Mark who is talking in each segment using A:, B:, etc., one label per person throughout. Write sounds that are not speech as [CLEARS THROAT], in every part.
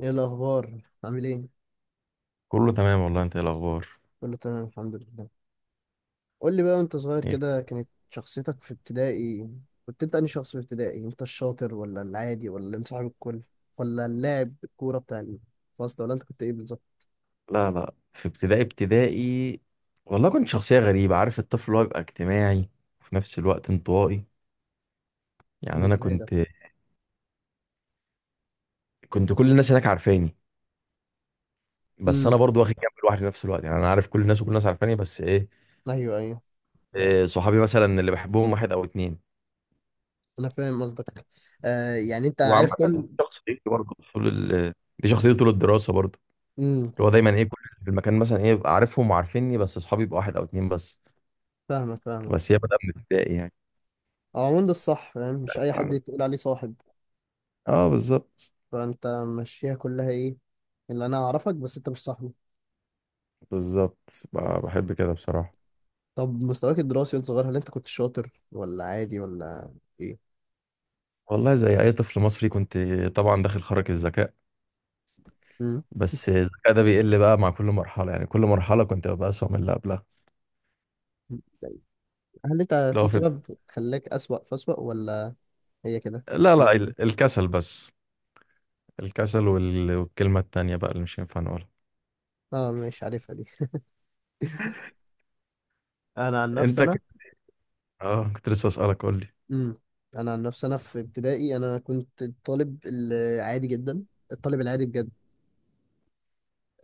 A: ايه الاخبار؟ عامل ايه؟
B: كله تمام والله، انت ايه الاخبار؟
A: كله تمام الحمد لله. قول لي بقى، وانت صغير
B: ايه؟
A: كده كانت شخصيتك في ابتدائي؟ كنت انت انهي شخص في ابتدائي؟ انت الشاطر ولا العادي ولا اللي مصاحب الكل ولا اللاعب الكوره بتاع الفصل، ولا انت كنت ايه بالظبط؟
B: لا لا، في ابتدائي. والله كنت شخصية غريبة، عارف الطفل اللي هو بيبقى اجتماعي وفي نفس الوقت انطوائي؟
A: ده
B: يعني انا
A: ازاي ده؟
B: كنت كل الناس هناك عارفاني، بس انا
A: امم
B: برضو واخد جنب الواحد في نفس الوقت. يعني انا عارف كل الناس وكل الناس عارفاني،
A: ايوه، ايوه.
B: إيه صحابي مثلا اللي بحبهم واحد او اتنين.
A: انا فاهم قصدك. آه، يعني انت
B: وعامة
A: عارف
B: دي
A: كل.
B: شخصيتي برضو طول ال... دي شخصيتي طول الدراسة برضو،
A: امم
B: اللي هو دايما ايه، كل اللي في المكان مثلا ايه ببقى عارفهم وعارفيني، بس صحابي يبقى واحد او اتنين بس.
A: فاهمك، فاهمك.
B: بس هي بدأ من ابتدائي يعني.
A: هو عموما ده الصح، فاهم؟ مش اي حد تقول عليه صاحب.
B: اه بالظبط.
A: فانت ماشيها كلها ايه، اللي انا اعرفك بس انت مش صاحبي.
B: بالظبط ب- بحب كده بصراحة.
A: طب مستواك الدراسي وانت صغير، هل انت كنت شاطر ولا عادي ولا ايه؟
B: والله زي أي طفل مصري كنت، طبعا داخل خارج الذكاء،
A: مم.
B: بس الذكاء ده بيقل بقى مع كل مرحلة، يعني كل مرحلة كنت ببقى أسوأ من اللي قبلها.
A: هل انت في
B: لو في.
A: سبب خلاك اسوأ فاسوأ، ولا هي كده؟
B: لا لا، الكسل بس، الكسل والكلمة التانية بقى اللي مش ينفع نقولها.
A: اه، مش عارفها دي. انا عن نفسي،
B: أنت
A: انا.
B: كنت. [LAUGHS] آه كنت لسه أسألك، قول لي.
A: امم انا عن نفسي، انا في ابتدائي انا كنت الطالب العادي جدا، الطالب العادي بجد.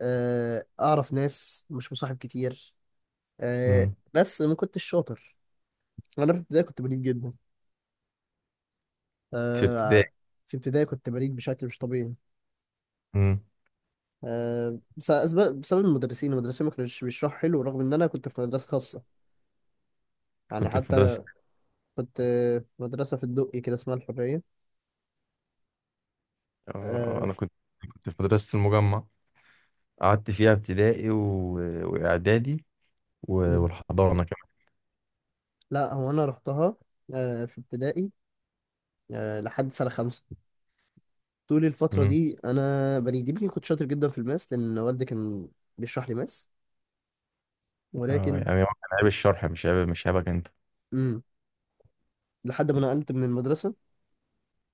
A: اعرف ناس، مش مصاحب كتير.
B: مم.
A: بس ما كنتش شاطر. انا في ابتدائي كنت بليد جدا.
B: في ابتدائي.
A: آه، في ابتدائي كنت بليد بشكل مش طبيعي.
B: مم.
A: بسبب المدرسين، ما كانوش بيشرحوا حلو، رغم ان انا كنت في مدرسه خاصه، يعني.
B: كنت في مدرسة.
A: حتى كنت في مدرسه في الدقي كده اسمها الحريه.
B: آه
A: أه.
B: أنا كنت كنت في مدرسة المجمع، قعدت فيها ابتدائي وإعدادي
A: مم.
B: والحضانة
A: لا، هو انا رحتها، أه، في ابتدائي، أه، لحد سنه خمسه. طول الفتره
B: كمان.
A: دي انا بني يمكن كنت شاطر جدا في الماس، لان والدي كان بيشرح لي ماس.
B: اه،
A: ولكن،
B: يعني هو كان عيب الشرح، مش عيب، مش عيبك انت.
A: مم، لحد ما نقلت من المدرسه.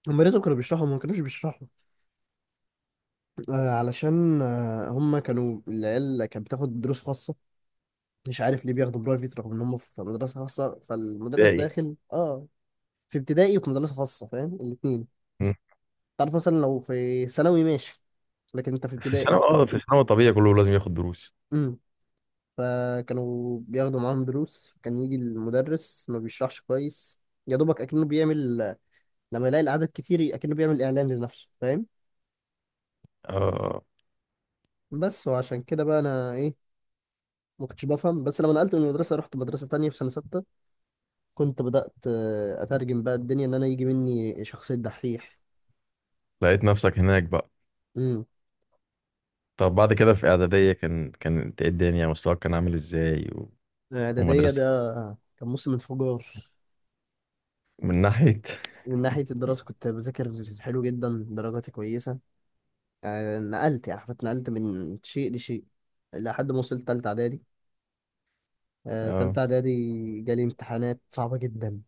A: هم يا ريتهم كانوا بيشرحوا، هم ما كانوش بيشرحوا. أه، علشان أه هم كانوا العيال كانت بتاخد دروس خاصه. مش عارف ليه بياخدوا برايفت رغم ان هم في مدرسه خاصه، فالمدرس
B: ابتدائي.
A: داخل اه في ابتدائي وفي مدرسه خاصه، فاهم؟ الاثنين.
B: مم.
A: تعرف مثلا لو في ثانوي ماشي، لكن انت في
B: في ثانوي؟
A: ابتدائي.
B: اه في ثانوي طبيعي، كله لازم ياخد دروس.
A: امم فكانوا بياخدوا معاهم دروس، كان يجي المدرس ما بيشرحش كويس. يا دوبك اكنه بيعمل، لما يلاقي العدد كتير اكنه بيعمل اعلان لنفسه، فاهم؟
B: اه
A: بس، وعشان كده بقى انا ايه، ما كنتش بفهم. بس لما نقلت من المدرسه، رحت مدرسه تانية في سنه ستة، كنت بدأت اترجم بقى الدنيا ان انا يجي مني شخصيه دحيح.
B: لقيت نفسك هناك بقى.
A: امم
B: طب بعد كده في اعداديه كان إيه الدنيا، مستواك كان عامل ازاي
A: إعدادية
B: ومدرستك؟
A: ده كان موسم انفجار.
B: من ناحيه [LAUGHS]
A: من ناحية الدراسة كنت بذاكر حلو جدا، درجاتي كويسة. آه، نقلت، يعني حرفيا اتنقلت من شيء لشيء لحد ما وصلت تالتة إعدادي. آه،
B: اه.
A: تالتة إعدادي جالي امتحانات صعبة جدا.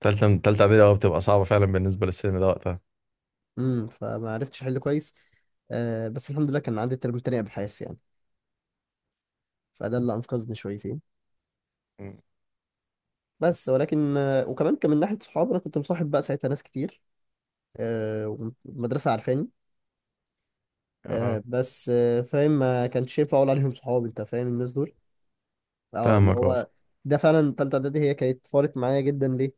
B: تالتة اعدادي، اه بتبقى صعبه فعلا بالنسبه للسن ده وقتها.
A: فما عرفتش أحل كويس. آه، بس الحمد لله كان عندي ترم تاني أبحاث، يعني. فده اللي أنقذني شويتين.
B: مم.
A: بس ولكن آه، وكمان كان من ناحية صحاب أنا كنت مصاحب بقى ساعتها ناس كتير. آه، والمدرسة عارفاني.
B: اه
A: آه، بس آه، فاهم، ما كانش ينفع اقول عليهم صحاب، انت فاهم الناس دول. اه، اللي
B: فاهمك، اه.
A: هو ده فعلا تالتة اعدادي، هي كانت فارق معايا جدا. ليه؟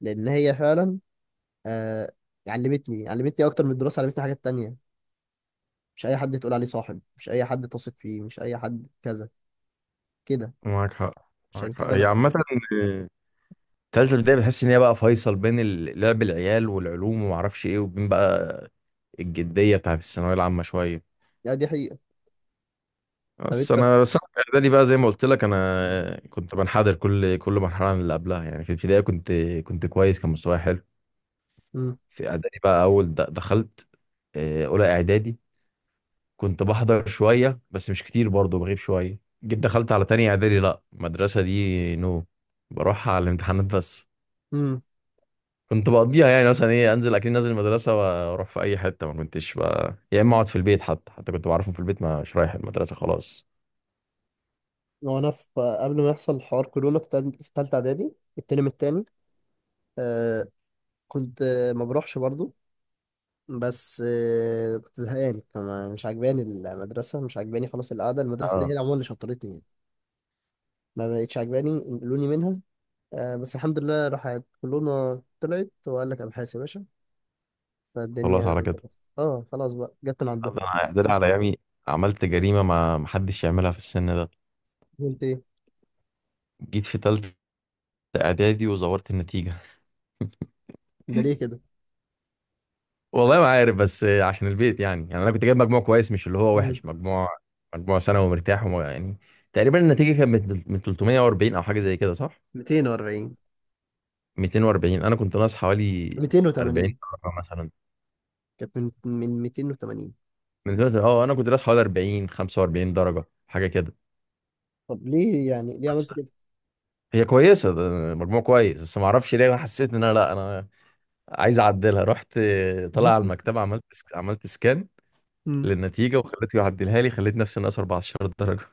A: لان هي فعلا، آه، علمتني، علمتني اكتر من الدراسة، علمتني حاجات تانية. مش اي حد تقول عليه صاحب، مش اي حد تثق فيه، مش اي حد كذا كده.
B: معاك حق. معاك
A: عشان
B: حق،
A: كده انا
B: هي عامه
A: بحب.
B: آه، تالتة ابتدائي بتحس ان هي بقى فيصل بين لعب العيال والعلوم ومعرفش ايه، وبين بقى الجديه بتاعت الثانويه العامه شويه.
A: لا، دي حقيقة. طب
B: بس
A: انت في...
B: انا بس انا في اعدادي بقى زي ما قلت لك، انا كنت بنحدر كل مرحله من اللي قبلها. يعني في الابتدائي كنت كويس، كان مستواي حلو.
A: مم.
B: في اعدادي بقى اول دخلت آه، اولى اعدادي كنت بحضر شويه بس مش كتير، برضه بغيب شويه. جيت دخلت على تاني اعدادي، لا المدرسه دي نو، بروح على الامتحانات بس.
A: مم.
B: كنت بقضيها يعني، مثلا ايه، انزل اكيد نازل المدرسه واروح في اي حته. ما كنتش بقى، يا اما اقعد في البيت. حتى كنت بعرفهم في البيت مش رايح المدرسه خلاص.
A: وانا في قبل ما يحصل حوار كورونا في في تالتة اعدادي الترم التاني، آه، كنت، آه، ما بروحش برضو. بس آه، كنت زهقان كمان، مش عجباني المدرسة، مش عجباني، خلاص القعدة. المدرسة دي هي
B: اه
A: اللي عموما اللي شطرتني يعني. ما بقتش عجباني، نقلوني منها. آه، بس الحمد لله راحت كلنا، طلعت وقال لك أبحاث يا باشا.
B: خلاص
A: فالدنيا
B: على كده.
A: ظبطت، اه، خلاص بقى، جت من عندهم.
B: ده أنا، ده أنا على ايامي عملت جريمه ما محدش يعملها في السن ده.
A: قلت ايه؟
B: جيت في تالتة اعدادي وزورت النتيجه [LAUGHS]
A: ده ليه كده؟
B: والله ما عارف، بس عشان البيت يعني. يعني انا كنت جايب مجموع كويس، مش اللي هو
A: مم.
B: وحش. مجموع، مجموع ثانوي مرتاح، يعني تقريبا النتيجه كانت من 340 او حاجه زي كده، صح؟
A: 240.
B: 240، انا كنت ناقص حوالي 40
A: 280.
B: درجه مثلا.
A: كانت من 280.
B: من دلوقتي اه انا كنت ناقص حوالي 40، 45 درجه حاجه كده.
A: طب ليه يعني، ليه
B: بس
A: عملت كده؟
B: هي كويسه، ده مجموع كويس. بس ما اعرفش ليه انا حسيت ان انا، لا انا عايز اعدلها. رحت طالع على
A: [LAUGHS]
B: المكتبه، عملت عملت سكان
A: مم.
B: للنتيجه وخليته يعدلها لي، خليت نفسي ناقص 14 درجه.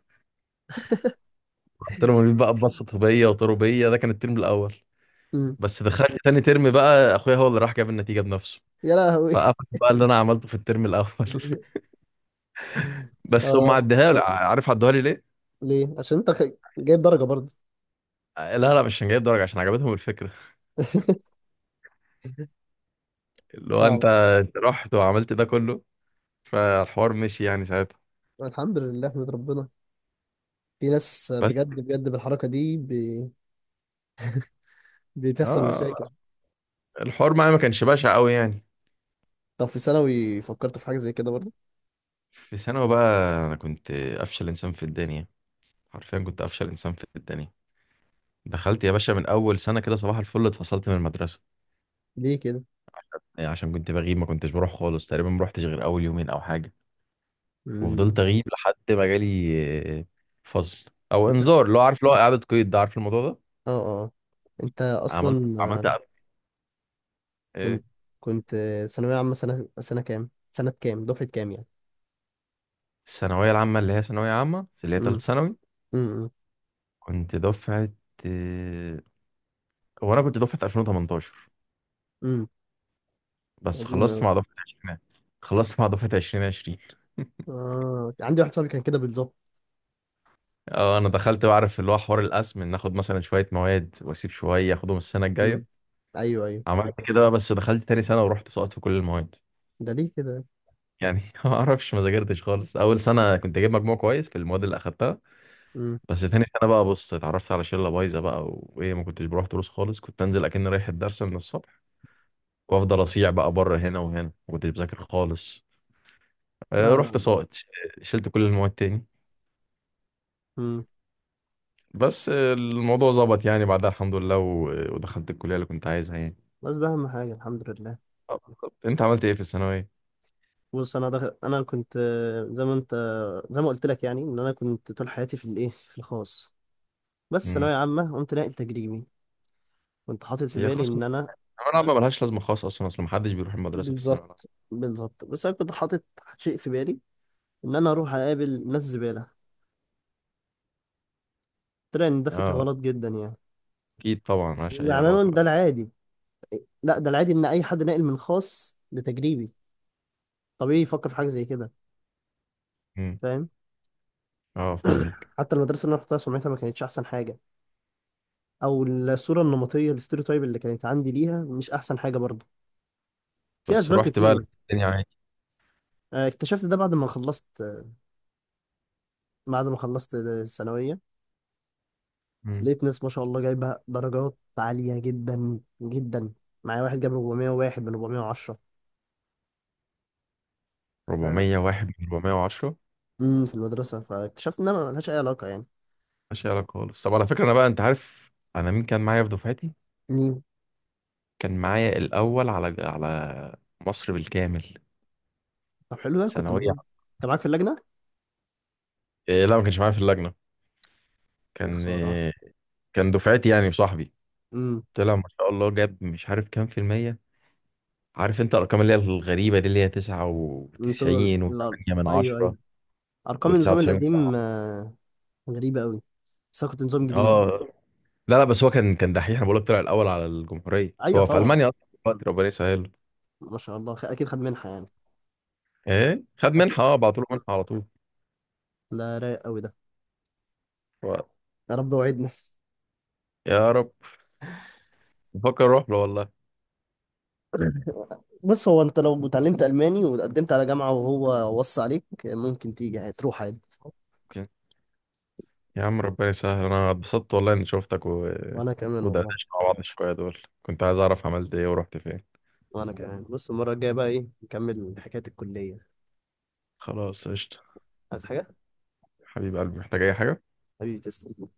B: رحت لهم قالوا لي بقى ببسط طبيه وطربيه. ده كان الترم الاول.
A: مم.
B: بس دخلت تاني ترم بقى، اخويا هو اللي راح جاب النتيجه بنفسه،
A: يا لهوي.
B: فقفل بقى اللي انا عملته في الترم الاول [LAUGHS]
A: [LAUGHS]
B: بس هم
A: اه.
B: عدها لي، عارف عدوها لي ليه؟
A: ليه؟ عشان انت جايب درجة برضه.
B: لا لا، مش هنجيب درجه، عشان عجبتهم الفكره.
A: [LAUGHS]
B: اللي هو انت،
A: صعب.
B: أنت رحت وعملت ده كله، فالحوار مشي يعني ساعتها.
A: الحمد لله، احمد ربنا. في ناس
B: بس
A: بجد بجد بالحركة دي بي... بتحصل
B: اه
A: مشاكل.
B: الحوار معايا ما كانش بشع قوي يعني.
A: طب في ثانوي فكرت في حاجة زي كده برضه؟
B: في ثانوي بقى انا كنت افشل انسان في الدنيا، حرفيا كنت افشل انسان في الدنيا. دخلت يا باشا من اول سنه كده صباح الفل، اتفصلت من المدرسه.
A: ليه كده؟
B: يعني عشان كنت بغيب، ما كنتش بروح خالص تقريبا، ما روحتش غير اول يومين او حاجه.
A: امم
B: وفضلت اغيب لحد ما جالي آه، فصل او
A: انت.
B: انذار، اللي هو عارف اللي هو اعاده قيد، ده عارف الموضوع ده.
A: اه، اه. انت
B: عملت
A: اصلا
B: عملت
A: آه،
B: إعادة. آه،
A: كنت، كنت آه، ثانوية عامة سنة، سنة كام، دفعة كام يعني؟
B: الثانويه العامه اللي هي ثانويه عامه بس اللي هي ثالث
A: امم
B: ثانوي.
A: امم
B: كنت دفعه آه، هو انا كنت دفعه 2018،
A: امم
B: بس
A: قديمة
B: خلصت
A: أوي.
B: مع دفعه 20، خلصت مع دفعه 2020.
A: اه، عندي واحد صاحبي كان كده بالظبط.
B: اه انا دخلت بعرف اللي هو حوار القسم، ان اخد مثلا شويه مواد واسيب شويه اخدهم السنه
A: امم
B: الجايه.
A: ايوه، ايوه.
B: عملت كده بقى، بس دخلت تاني سنه ورحت سقطت في كل المواد.
A: ده ليه كده؟
B: يعني [LAUGHS] ما اعرفش، ما ذاكرتش خالص. اول سنه كنت جايب مجموع كويس في المواد اللي اخدتها،
A: امم
B: بس تاني سنه بقى بص اتعرفت على شله بايظه بقى، وايه ما كنتش بروح دروس خالص، كنت انزل اكن رايح الدرس من الصبح وافضل اصيع بقى بره هنا وهنا، ما كنتش بذاكر خالص.
A: لا،
B: آه، رحت
A: لا.
B: ساقط، شلت كل المواد تاني.
A: امم
B: بس آه، الموضوع ظبط يعني بعدها الحمد لله، ودخلت الكليه اللي كنت عايزها يعني.
A: بس ده اهم حاجة، الحمد لله.
B: آه، بالظبط. انت عملت ايه في الثانويه؟
A: بص انا دخل... انا كنت، آه، زي ما انت، زي ما قلت لك يعني، ان انا كنت طول حياتي في الايه، في الخاص. بس
B: امم،
A: ثانويه عامه قمت ناقل تجريبي. كنت حاطط في
B: هي
A: بالي
B: خلاص،
A: ان انا.
B: الثانويه العامه ملهاش لازمه خالص اصلا، اصل محدش بيروح المدرسه في الثانويه العامه.
A: بالظبط، بالظبط. بس انا كنت حاطط شيء في بالي ان انا اروح اقابل ناس زباله. طلع ان ده فكره
B: اه
A: غلط جدا يعني.
B: اكيد طبعا، ملهاش اي
A: يعني انا
B: علاقه
A: قلت ده
B: اكيد.
A: العادي. لا، ده العادي ان اي حد ناقل من خاص لتجريبي طبيعي يفكر في حاجه زي كده،
B: امم.
A: فاهم.
B: اه
A: [CLEARS THROAT]
B: فاهمك.
A: حتى المدرسه اللي انا رحتها سمعتها ما كانتش احسن حاجه، او الصوره النمطيه الاستيريوتايب اللي كانت عندي ليها مش احسن حاجه برضه. في
B: بس
A: اسباب
B: رحت
A: كتير
B: بقى
A: يعني.
B: لقيت الدنيا عادي.
A: آه، اكتشفت ده بعد ما خلصت، آه، بعد ما خلصت الثانويه.
B: امم.
A: لقيت ناس ما شاء الله جايبه درجات عاليه جدا جدا. معايا واحد جاب 401 من 410. آه،
B: 401 من 410؟
A: في المدرسه، فاكتشفت انها ملهاش اي علاقه يعني.
B: ملهاش أي علاقه خالص. طب على فكره انا بقى، انت عارف انا مين كان معايا في دفعتي؟
A: امم
B: كان معايا الاول على مصر بالكامل،
A: طب حلو ده، كنت
B: ثانويه.
A: المفروض انت معاك في اللجنه.
B: إيه لا، ما كانش معايا في اللجنه،
A: يا
B: كان
A: خساره.
B: إيه، كان دفعتي يعني وصاحبي.
A: امم
B: طلع ما شاء الله جاب مش عارف كام في المية. عارف انت الارقام اللي هي الغريبه دي، اللي هي
A: انتوا.
B: 99
A: لا.
B: و8 من
A: ايوه،
B: 10
A: ايوه. ارقام النظام
B: و99 من
A: القديم،
B: 9.
A: آه، غريبه قوي. بس انا كنت نظام جديد.
B: اه لا لا، بس هو كان كان دحيح، انا بقول لك، طلع الاول على الجمهوريه.
A: ايوه،
B: هو في
A: طبعا.
B: المانيا اصلا دلوقتي، ربنا يسهله.
A: ما شاء الله، اكيد خد منحه يعني.
B: ايه خد
A: اكيد.
B: منحه، اه بعتوا له
A: مم.
B: منحه على طول.
A: ده رايق قوي ده.
B: و-
A: يا رب وعدنا.
B: يا رب. بفكر اروح له والله.
A: بص، هو انت لو اتعلمت الماني وقدمت على جامعه وهو وصى عليك ممكن تيجي، هتروح عادي.
B: اوكي. يا عم ربنا يسهل، انا اتبسطت والله اني شفتك و...
A: وانا كمان والله.
B: ودردشت مع بعض شويه. دول كنت عايز اعرف عملت ايه ورحت فين.
A: وانا كمان. بص، المره الجايه بقى ايه، نكمل حكايه الكليه.
B: خلاص قشطه.
A: عايز حاجه؟
B: حبيب قلبي، محتاج اي حاجه؟
A: حبيبي، تسلم.